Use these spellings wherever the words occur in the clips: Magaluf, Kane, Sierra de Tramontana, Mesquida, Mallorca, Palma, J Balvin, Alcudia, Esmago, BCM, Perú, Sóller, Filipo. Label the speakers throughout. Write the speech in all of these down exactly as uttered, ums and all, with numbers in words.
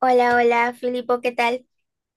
Speaker 1: Hola, hola, Filipo, ¿qué tal?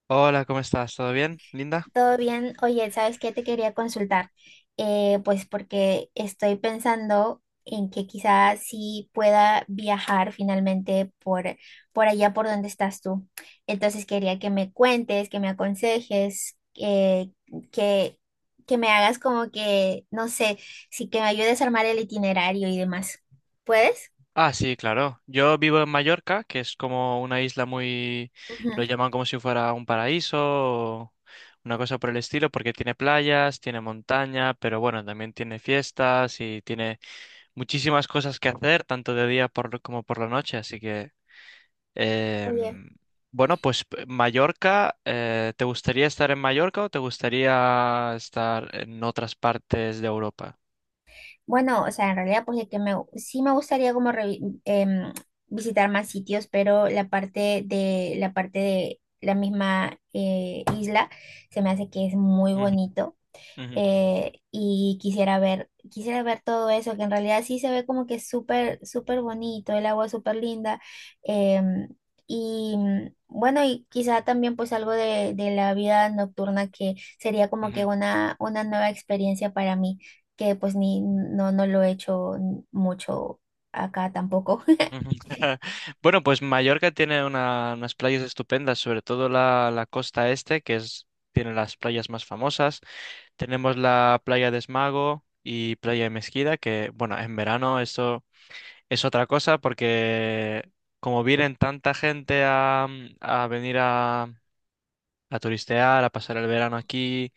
Speaker 2: Hola, ¿cómo estás? ¿Todo bien, Linda?
Speaker 1: ¿Todo bien? Oye, ¿sabes qué te quería consultar? Eh, pues porque estoy pensando en que quizás sí pueda viajar finalmente por, por allá por donde estás tú. Entonces quería que me cuentes, que me aconsejes, eh, que, que me hagas como que, no sé, sí que me ayudes a armar el itinerario y demás. ¿Puedes?
Speaker 2: Ah, sí, claro. Yo vivo en Mallorca, que es como una isla muy. Lo
Speaker 1: Ujú.
Speaker 2: llaman como si fuera un paraíso o una cosa por el estilo, porque tiene playas, tiene montaña, pero bueno, también tiene fiestas y tiene muchísimas cosas que hacer, tanto de día por, como por la noche. Así que,
Speaker 1: Oye.
Speaker 2: em, bueno, pues p- Mallorca, eh, ¿te gustaría estar en Mallorca o te gustaría estar en otras partes de Europa?
Speaker 1: Bueno, o sea, en realidad pues de que me, sí me gustaría como revi- em, visitar más sitios, pero la parte de la parte de la misma eh, isla se me hace que es muy
Speaker 2: Ujú,
Speaker 1: bonito,
Speaker 2: ujú,
Speaker 1: eh, y quisiera ver, quisiera ver todo eso, que en realidad sí se ve como que es súper, súper bonito, el agua es súper linda. em, y mm, bueno, y quizá también pues algo de, de la vida nocturna que sería como que
Speaker 2: ujú.
Speaker 1: una, una nueva experiencia para mí, que pues ni, no, no lo he hecho mucho acá tampoco.
Speaker 2: Ujú. Bueno, pues Mallorca tiene una- unas playas estupendas, sobre todo la, la costa este, que es, tiene las playas más famosas. Tenemos la playa de Esmago y playa de Mesquida, que bueno, en verano eso es otra cosa porque como vienen tanta gente a, a venir a, a turistear, a pasar el verano aquí,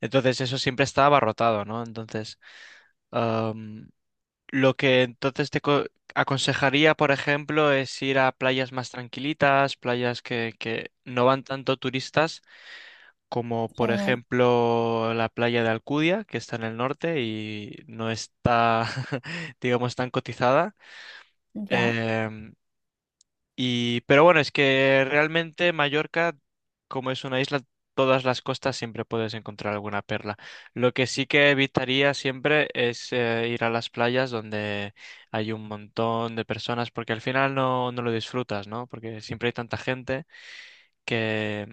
Speaker 2: entonces eso siempre está abarrotado, ¿no? Entonces. Lo que entonces te co- aconsejaría, por ejemplo, es ir a playas más tranquilitas, playas que, que no van tanto turistas, como por
Speaker 1: Genial,
Speaker 2: ejemplo la playa de Alcudia, que está en el norte y no está, digamos, tan cotizada.
Speaker 1: ya.
Speaker 2: Em, y, pero bueno, es que realmente Mallorca, como es una isla, todas las costas siempre puedes encontrar alguna perla. Lo que sí que evitaría siempre es eh, ir a las playas donde hay un montón de personas, porque al final no, no lo disfrutas, ¿no? Porque siempre hay tanta gente que,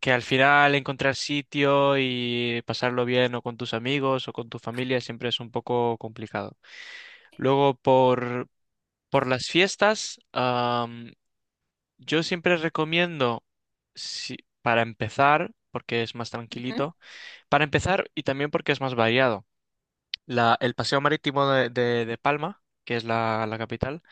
Speaker 2: que al final encontrar sitio y pasarlo bien o con tus amigos o con tu familia siempre es un poco complicado. Luego, por, por las fiestas. Yo siempre recomiendo, si- para empezar, porque es más
Speaker 1: Ujú.
Speaker 2: tranquilito, para empezar y también porque es más variado. La- el paseo marítimo de, de- de Palma, que es la, la capital,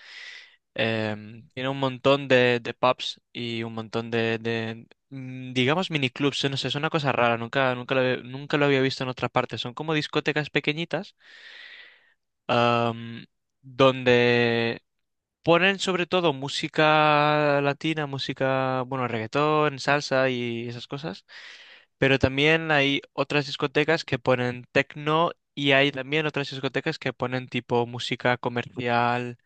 Speaker 2: em, tiene un montón de, de pubs y un montón de, de, mm, digamos, miniclubs. No sé, es una cosa rara, nunca, nunca lo, había- nunca lo había visto en otra parte. Son como discotecas pequeñitas, am, donde ponen sobre todo música latina, música, bueno, reggaetón, salsa y esas cosas, pero también hay otras discotecas que ponen techno y hay también otras discotecas que ponen tipo música comercial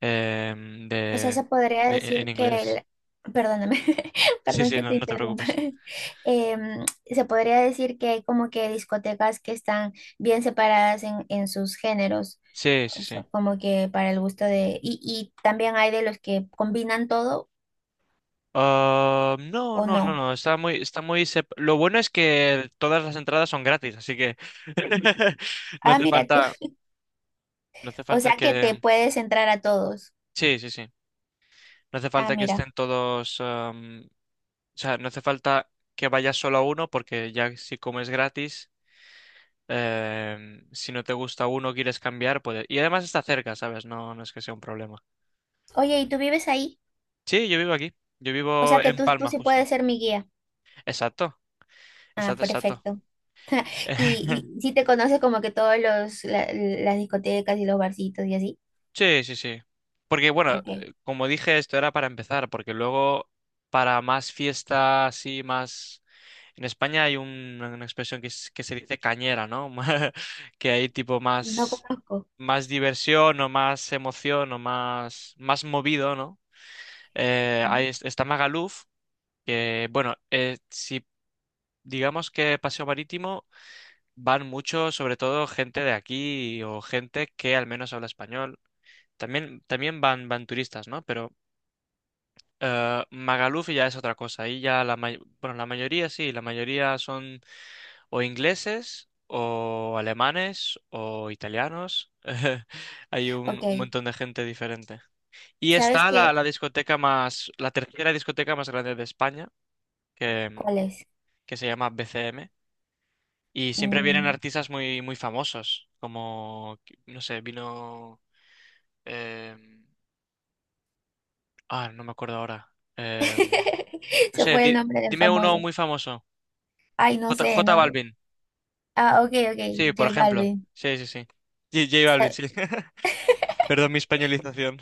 Speaker 2: em,
Speaker 1: O sea, se
Speaker 2: de,
Speaker 1: podría
Speaker 2: de- e, en
Speaker 1: decir que
Speaker 2: inglés.
Speaker 1: el, perdóname,
Speaker 2: Sí,
Speaker 1: perdón
Speaker 2: sí,
Speaker 1: que
Speaker 2: no,
Speaker 1: te
Speaker 2: no te
Speaker 1: interrumpa.
Speaker 2: preocupes.
Speaker 1: Em, se podría decir que hay como que discotecas que están bien separadas en, en sus géneros,
Speaker 2: Sí, sí,
Speaker 1: o sea,
Speaker 2: sí.
Speaker 1: como que para el gusto de, y, y también hay de los que combinan todo
Speaker 2: Ah, no,
Speaker 1: o
Speaker 2: no, no,
Speaker 1: no.
Speaker 2: no, está muy, está muy... sep- lo bueno es que todas las entradas son gratis, así que no
Speaker 1: Ah,
Speaker 2: hace
Speaker 1: mira tú.
Speaker 2: falta, no hace
Speaker 1: O
Speaker 2: falta
Speaker 1: sea que
Speaker 2: que...
Speaker 1: te puedes entrar a todos.
Speaker 2: Sí, sí, sí. No hace
Speaker 1: Ah,
Speaker 2: falta que
Speaker 1: mira.
Speaker 2: estén todos, am, o sea, no hace falta que vayas solo a uno porque ya si comes gratis, em, si no te gusta uno, quieres cambiar, puedes. Y además está cerca, ¿sabes? No, no es que sea un problema.
Speaker 1: Oye, ¿y tú vives ahí?
Speaker 2: Sí, yo vivo aquí. Yo
Speaker 1: O
Speaker 2: vivo
Speaker 1: sea que
Speaker 2: en
Speaker 1: tú, tú
Speaker 2: Palma,
Speaker 1: sí
Speaker 2: justo.
Speaker 1: puedes ser mi guía.
Speaker 2: Exacto,
Speaker 1: Ah,
Speaker 2: exacto, exacto.
Speaker 1: perfecto. Y, y sí te conoces como que todos los la- las discotecas y los barcitos y así.
Speaker 2: Sí, sí, sí. Porque bueno,
Speaker 1: Ok,
Speaker 2: eh, como dije, esto era para empezar, porque luego para más fiestas así, más. En España hay un- una expresión que, es- que se dice cañera, ¿no? Que hay tipo
Speaker 1: no
Speaker 2: más,
Speaker 1: conozco.
Speaker 2: más diversión o más emoción o más, más movido, ¿no? Eh,
Speaker 1: Mm.
Speaker 2: ahí es- está Magaluf, que bueno, eh, si digamos que Paseo Marítimo van mucho, sobre todo gente de aquí o gente que al menos habla español. También, también van, van turistas, ¿no? Pero eh, Magaluf ya es otra cosa. Ahí ya la, may- bueno, la mayoría sí, la mayoría son o ingleses o alemanes o italianos. Hay un,
Speaker 1: Ok,
Speaker 2: un montón de gente diferente. Y
Speaker 1: ¿sabes
Speaker 2: está la,
Speaker 1: qué?
Speaker 2: la discoteca más, la tercera discoteca más grande de España, que,
Speaker 1: ¿Cuál es?
Speaker 2: que se llama B C M. Y siempre vienen
Speaker 1: Mm.
Speaker 2: artistas muy, muy famosos, como, no sé, vino. em, ah, no me acuerdo ahora. em, No
Speaker 1: Se
Speaker 2: sé,
Speaker 1: fue el
Speaker 2: di-
Speaker 1: nombre del
Speaker 2: dime uno
Speaker 1: famoso.
Speaker 2: muy famoso.
Speaker 1: Ay, no
Speaker 2: J,
Speaker 1: sé,
Speaker 2: J
Speaker 1: no.
Speaker 2: Balvin.
Speaker 1: Ah, ok, ok,
Speaker 2: Sí, por
Speaker 1: J
Speaker 2: ejemplo.
Speaker 1: Balvin.
Speaker 2: Sí, sí, sí. J, J Balvin,
Speaker 1: Sa-
Speaker 2: sí. Perdón mi españolización.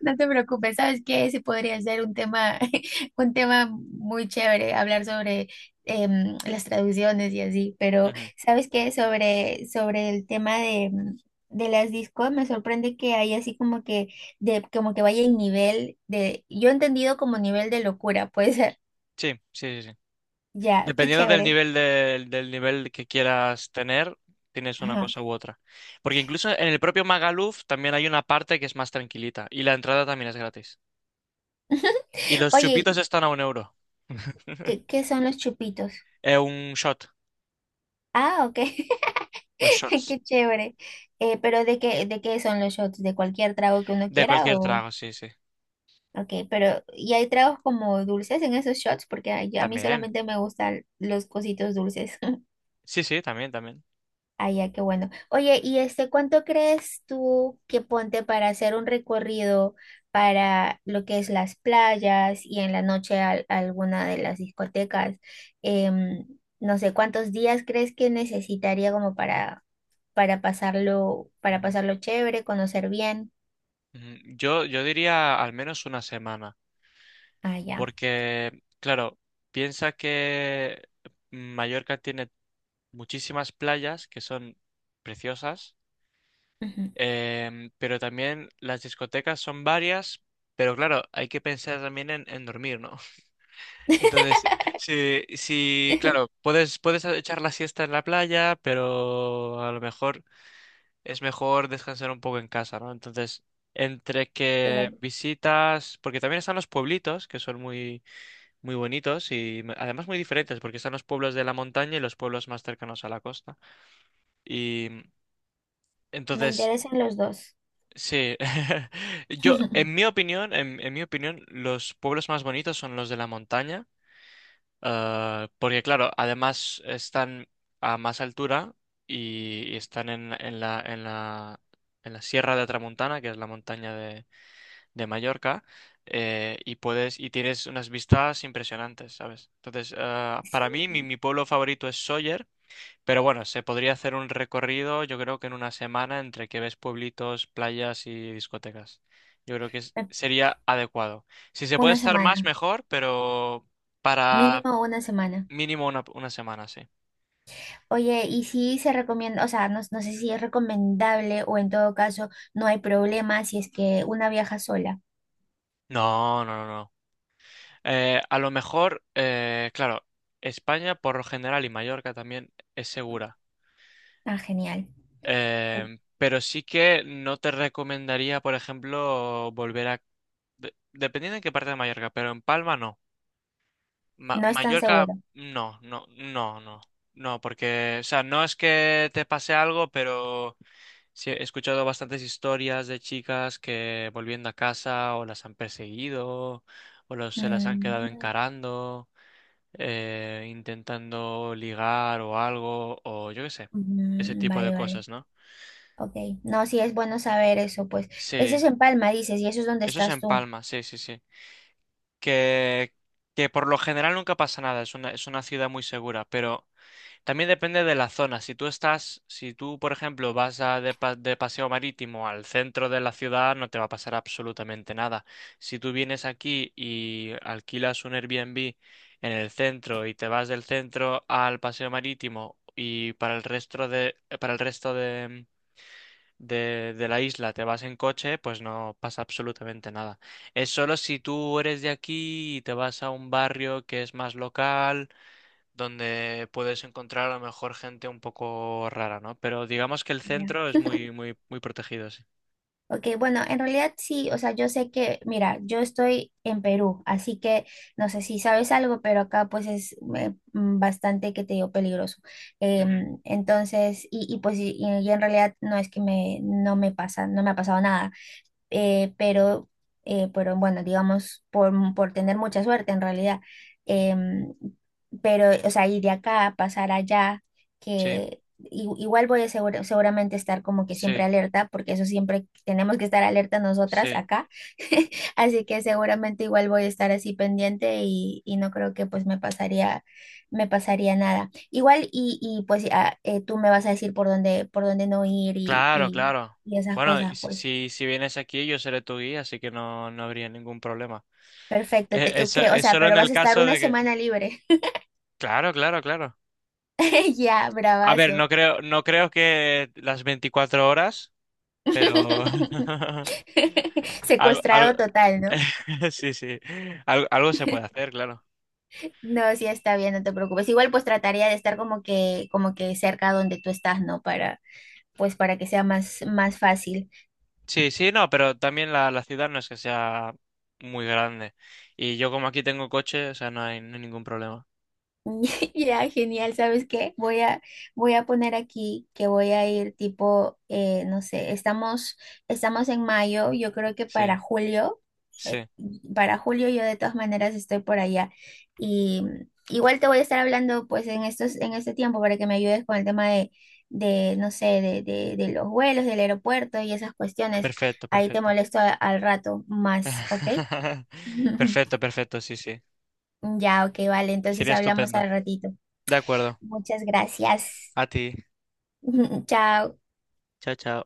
Speaker 1: No te preocupes, sabes que ese podría ser un tema, un tema muy chévere, hablar sobre em, las traducciones y así, pero
Speaker 2: Ujú.
Speaker 1: sabes que sobre, sobre el tema de, mm, de las discos, me sorprende que hay así como que, de, como que vaya en nivel de, yo he entendido como nivel de locura, puede ser.
Speaker 2: Sí, sí, sí, sí.
Speaker 1: Ya, qué
Speaker 2: Dependiendo del
Speaker 1: chévere.
Speaker 2: nivel del del nivel que quieras tener, tienes una
Speaker 1: Ajá.
Speaker 2: cosa u otra. Porque incluso en el propio Magaluf también hay una parte que es más tranquilita y la entrada también es gratis. Y los
Speaker 1: Oye,
Speaker 2: chupitos están a un euro.
Speaker 1: ¿qué, ¿qué son los chupitos?
Speaker 2: Eh, un shot,
Speaker 1: Ah, ok,
Speaker 2: los shots.
Speaker 1: qué chévere. Eh, pero ¿de qué, ¿de qué son los shots? ¿De cualquier trago que uno
Speaker 2: De
Speaker 1: quiera
Speaker 2: cualquier
Speaker 1: o...?
Speaker 2: trago, sí, sí.
Speaker 1: Ok, pero ¿y hay tragos como dulces en esos shots? Porque a, yo- a mí
Speaker 2: También.
Speaker 1: solamente me gustan los cositos dulces.
Speaker 2: Sí, sí, también, también.
Speaker 1: Ah, ya, qué bueno. Oye, ¿y este cuánto crees tú que ponte para hacer un recorrido para lo que es las playas y en la noche al- alguna de las discotecas? Em, no sé, ¿cuántos días crees que necesitaría como para, para pasarlo, para
Speaker 2: Ujú,
Speaker 1: pasarlo chévere, conocer bien?
Speaker 2: ujú. Yo, yo diría al menos una semana,
Speaker 1: Ah, ya.
Speaker 2: porque, claro, piensa que Mallorca tiene muchísimas playas que son preciosas,
Speaker 1: Ujú.
Speaker 2: em, pero también las discotecas son varias, pero claro, hay que pensar también en, en dormir, ¿no? Entonces, sí, sí, claro, puedes, puedes echar la siesta en la playa, pero a lo mejor es mejor descansar un poco en casa, ¿no? Entonces, entre que
Speaker 1: Claro.
Speaker 2: visitas, porque también están los pueblitos, que son muy, muy bonitos y me- además muy diferentes, porque están los pueblos de la montaña y los pueblos más cercanos a la costa. Y
Speaker 1: Me
Speaker 2: entonces,
Speaker 1: interesan los dos.
Speaker 2: sí, yo, en mi opinión, en en mi opinión, los pueblos más bonitos son los de la montaña. Eh, porque claro, además están a más altura y, y están en, en la, en la, en la Sierra de Tramontana, que es la montaña de, de Mallorca, eh, y puedes, y tienes unas vistas impresionantes, ¿sabes? Entonces, eh,
Speaker 1: Sí,
Speaker 2: para mí, mi, mi pueblo favorito es Sóller, pero bueno, se podría hacer un recorrido, yo creo que en una semana, entre que ves pueblitos, playas y discotecas. Yo creo que es-
Speaker 1: eh,
Speaker 2: sería adecuado. Si se puede
Speaker 1: una
Speaker 2: estar más,
Speaker 1: semana,
Speaker 2: mejor, pero. Para
Speaker 1: mínimo una semana.
Speaker 2: mínimo una, una semana, sí.
Speaker 1: Oye, y si se recomienda, o sea, no, no sé si es recomendable o en todo caso no hay problema si es que una viaja sola.
Speaker 2: No, no, no, no. Eh, a lo mejor, eh, claro, España por lo general y Mallorca también es segura.
Speaker 1: Ah, genial.
Speaker 2: Eh, pero sí que no te recomendaría, por ejemplo, volver a. De- dependiendo en qué parte de Mallorca, pero en Palma no. Ma-
Speaker 1: No es tan
Speaker 2: Mallorca
Speaker 1: seguro.
Speaker 2: no, no, no, no. No, porque, o sea, no es que te pase algo, pero. Sí, he escuchado bastantes historias de chicas que volviendo a casa o las han perseguido o los, se las han quedado
Speaker 1: Mm,
Speaker 2: encarando, eh, intentando ligar o algo, o yo qué sé, ese
Speaker 1: mm,
Speaker 2: tipo de
Speaker 1: vale, vale.
Speaker 2: cosas, ¿no?
Speaker 1: Ok. No, sí es bueno saber eso, pues. Eso
Speaker 2: Sí,
Speaker 1: es en Palma, dices, y eso es donde
Speaker 2: eso es
Speaker 1: estás
Speaker 2: en
Speaker 1: tú.
Speaker 2: Palma, sí, sí, sí. Que, que por lo general nunca pasa nada, es una, es una ciudad muy segura, pero también depende de la zona. Si tú estás, si tú, por ejemplo, vas a de, pa- de paseo marítimo al centro de la ciudad, no te va a pasar absolutamente nada. Si tú vienes aquí y alquilas un Airbnb en el centro y te vas del centro al paseo marítimo y para el resto de, para el resto de, de, de la isla te vas en coche, pues no pasa absolutamente nada. Es solo si tú eres de aquí y te vas a un barrio que es más local donde puedes encontrar a lo mejor gente un poco rara, ¿no? Pero digamos que el
Speaker 1: Ya.
Speaker 2: centro es muy, muy, muy protegido, sí.
Speaker 1: Ok, bueno, en realidad sí, o sea, yo sé que, mira, yo estoy en Perú, así que no sé si sabes algo, pero acá pues es eh, mm, bastante, que te digo, peligroso.
Speaker 2: Ujú,
Speaker 1: Em, entonces, y, y pues y, y en realidad no es que me, no me pasa, no me ha pasado nada, eh, pero, eh, pero bueno, digamos, por, por tener mucha suerte en realidad. Em, pero, o sea, ir de acá, a pasar allá,
Speaker 2: sí,
Speaker 1: que i- igual voy a segura- seguramente estar como que siempre
Speaker 2: sí,
Speaker 1: alerta, porque eso siempre tenemos que estar alerta nosotras
Speaker 2: sí.
Speaker 1: acá. Así que seguramente igual voy a estar así pendiente y, y no creo que pues me pasaría, me pasaría nada. Igual y, y pues ah, eh, tú me vas a decir por dónde, por dónde no ir y,
Speaker 2: Claro,
Speaker 1: y,
Speaker 2: claro.
Speaker 1: y esas
Speaker 2: Bueno, y
Speaker 1: cosas,
Speaker 2: si,
Speaker 1: pues.
Speaker 2: si si vienes aquí, yo seré tu guía, así que no, no habría ningún problema.
Speaker 1: Perfecto,
Speaker 2: Eh,
Speaker 1: te- ok,
Speaker 2: eso
Speaker 1: o
Speaker 2: es
Speaker 1: sea,
Speaker 2: solo
Speaker 1: pero
Speaker 2: en
Speaker 1: vas
Speaker 2: el
Speaker 1: a estar
Speaker 2: caso
Speaker 1: una
Speaker 2: de que.
Speaker 1: semana libre.
Speaker 2: Claro, claro, claro.
Speaker 1: Ya,
Speaker 2: A ver,
Speaker 1: bravazo.
Speaker 2: no creo, no creo que las veinticuatro horas, pero algo, algo...
Speaker 1: Secuestrado total, ¿no?
Speaker 2: sí, sí, algo, algo se puede hacer, claro.
Speaker 1: No, sí está bien, no te preocupes. Igual pues trataría de estar como que, como que cerca donde tú estás, ¿no? Para, pues para que sea más, más fácil.
Speaker 2: Sí, sí, no, pero también la, la ciudad no es que sea muy grande. Y yo como aquí tengo coche, o sea, no, hay, no hay ningún problema.
Speaker 1: Ya, genial, ¿sabes qué? Voy a, voy a poner aquí que voy a ir tipo, eh, no sé, estamos, estamos en mayo, yo creo que
Speaker 2: Sí,
Speaker 1: para julio, eh,
Speaker 2: sí.
Speaker 1: para julio yo de todas maneras estoy por allá. Y mm, igual te voy a estar hablando pues en estos, en este tiempo para que me ayudes con el tema de, de no sé, de, de, de los vuelos, del aeropuerto y esas cuestiones.
Speaker 2: Perfecto,
Speaker 1: Ahí te
Speaker 2: perfecto.
Speaker 1: molesto a- al rato más, ¿ok?
Speaker 2: Perfecto, perfecto, sí, sí.
Speaker 1: Ya, ok, vale, entonces
Speaker 2: Sería
Speaker 1: hablamos al
Speaker 2: estupendo.
Speaker 1: ratito.
Speaker 2: De acuerdo.
Speaker 1: Muchas gracias.
Speaker 2: A ti.
Speaker 1: Chao.
Speaker 2: Chao, chao.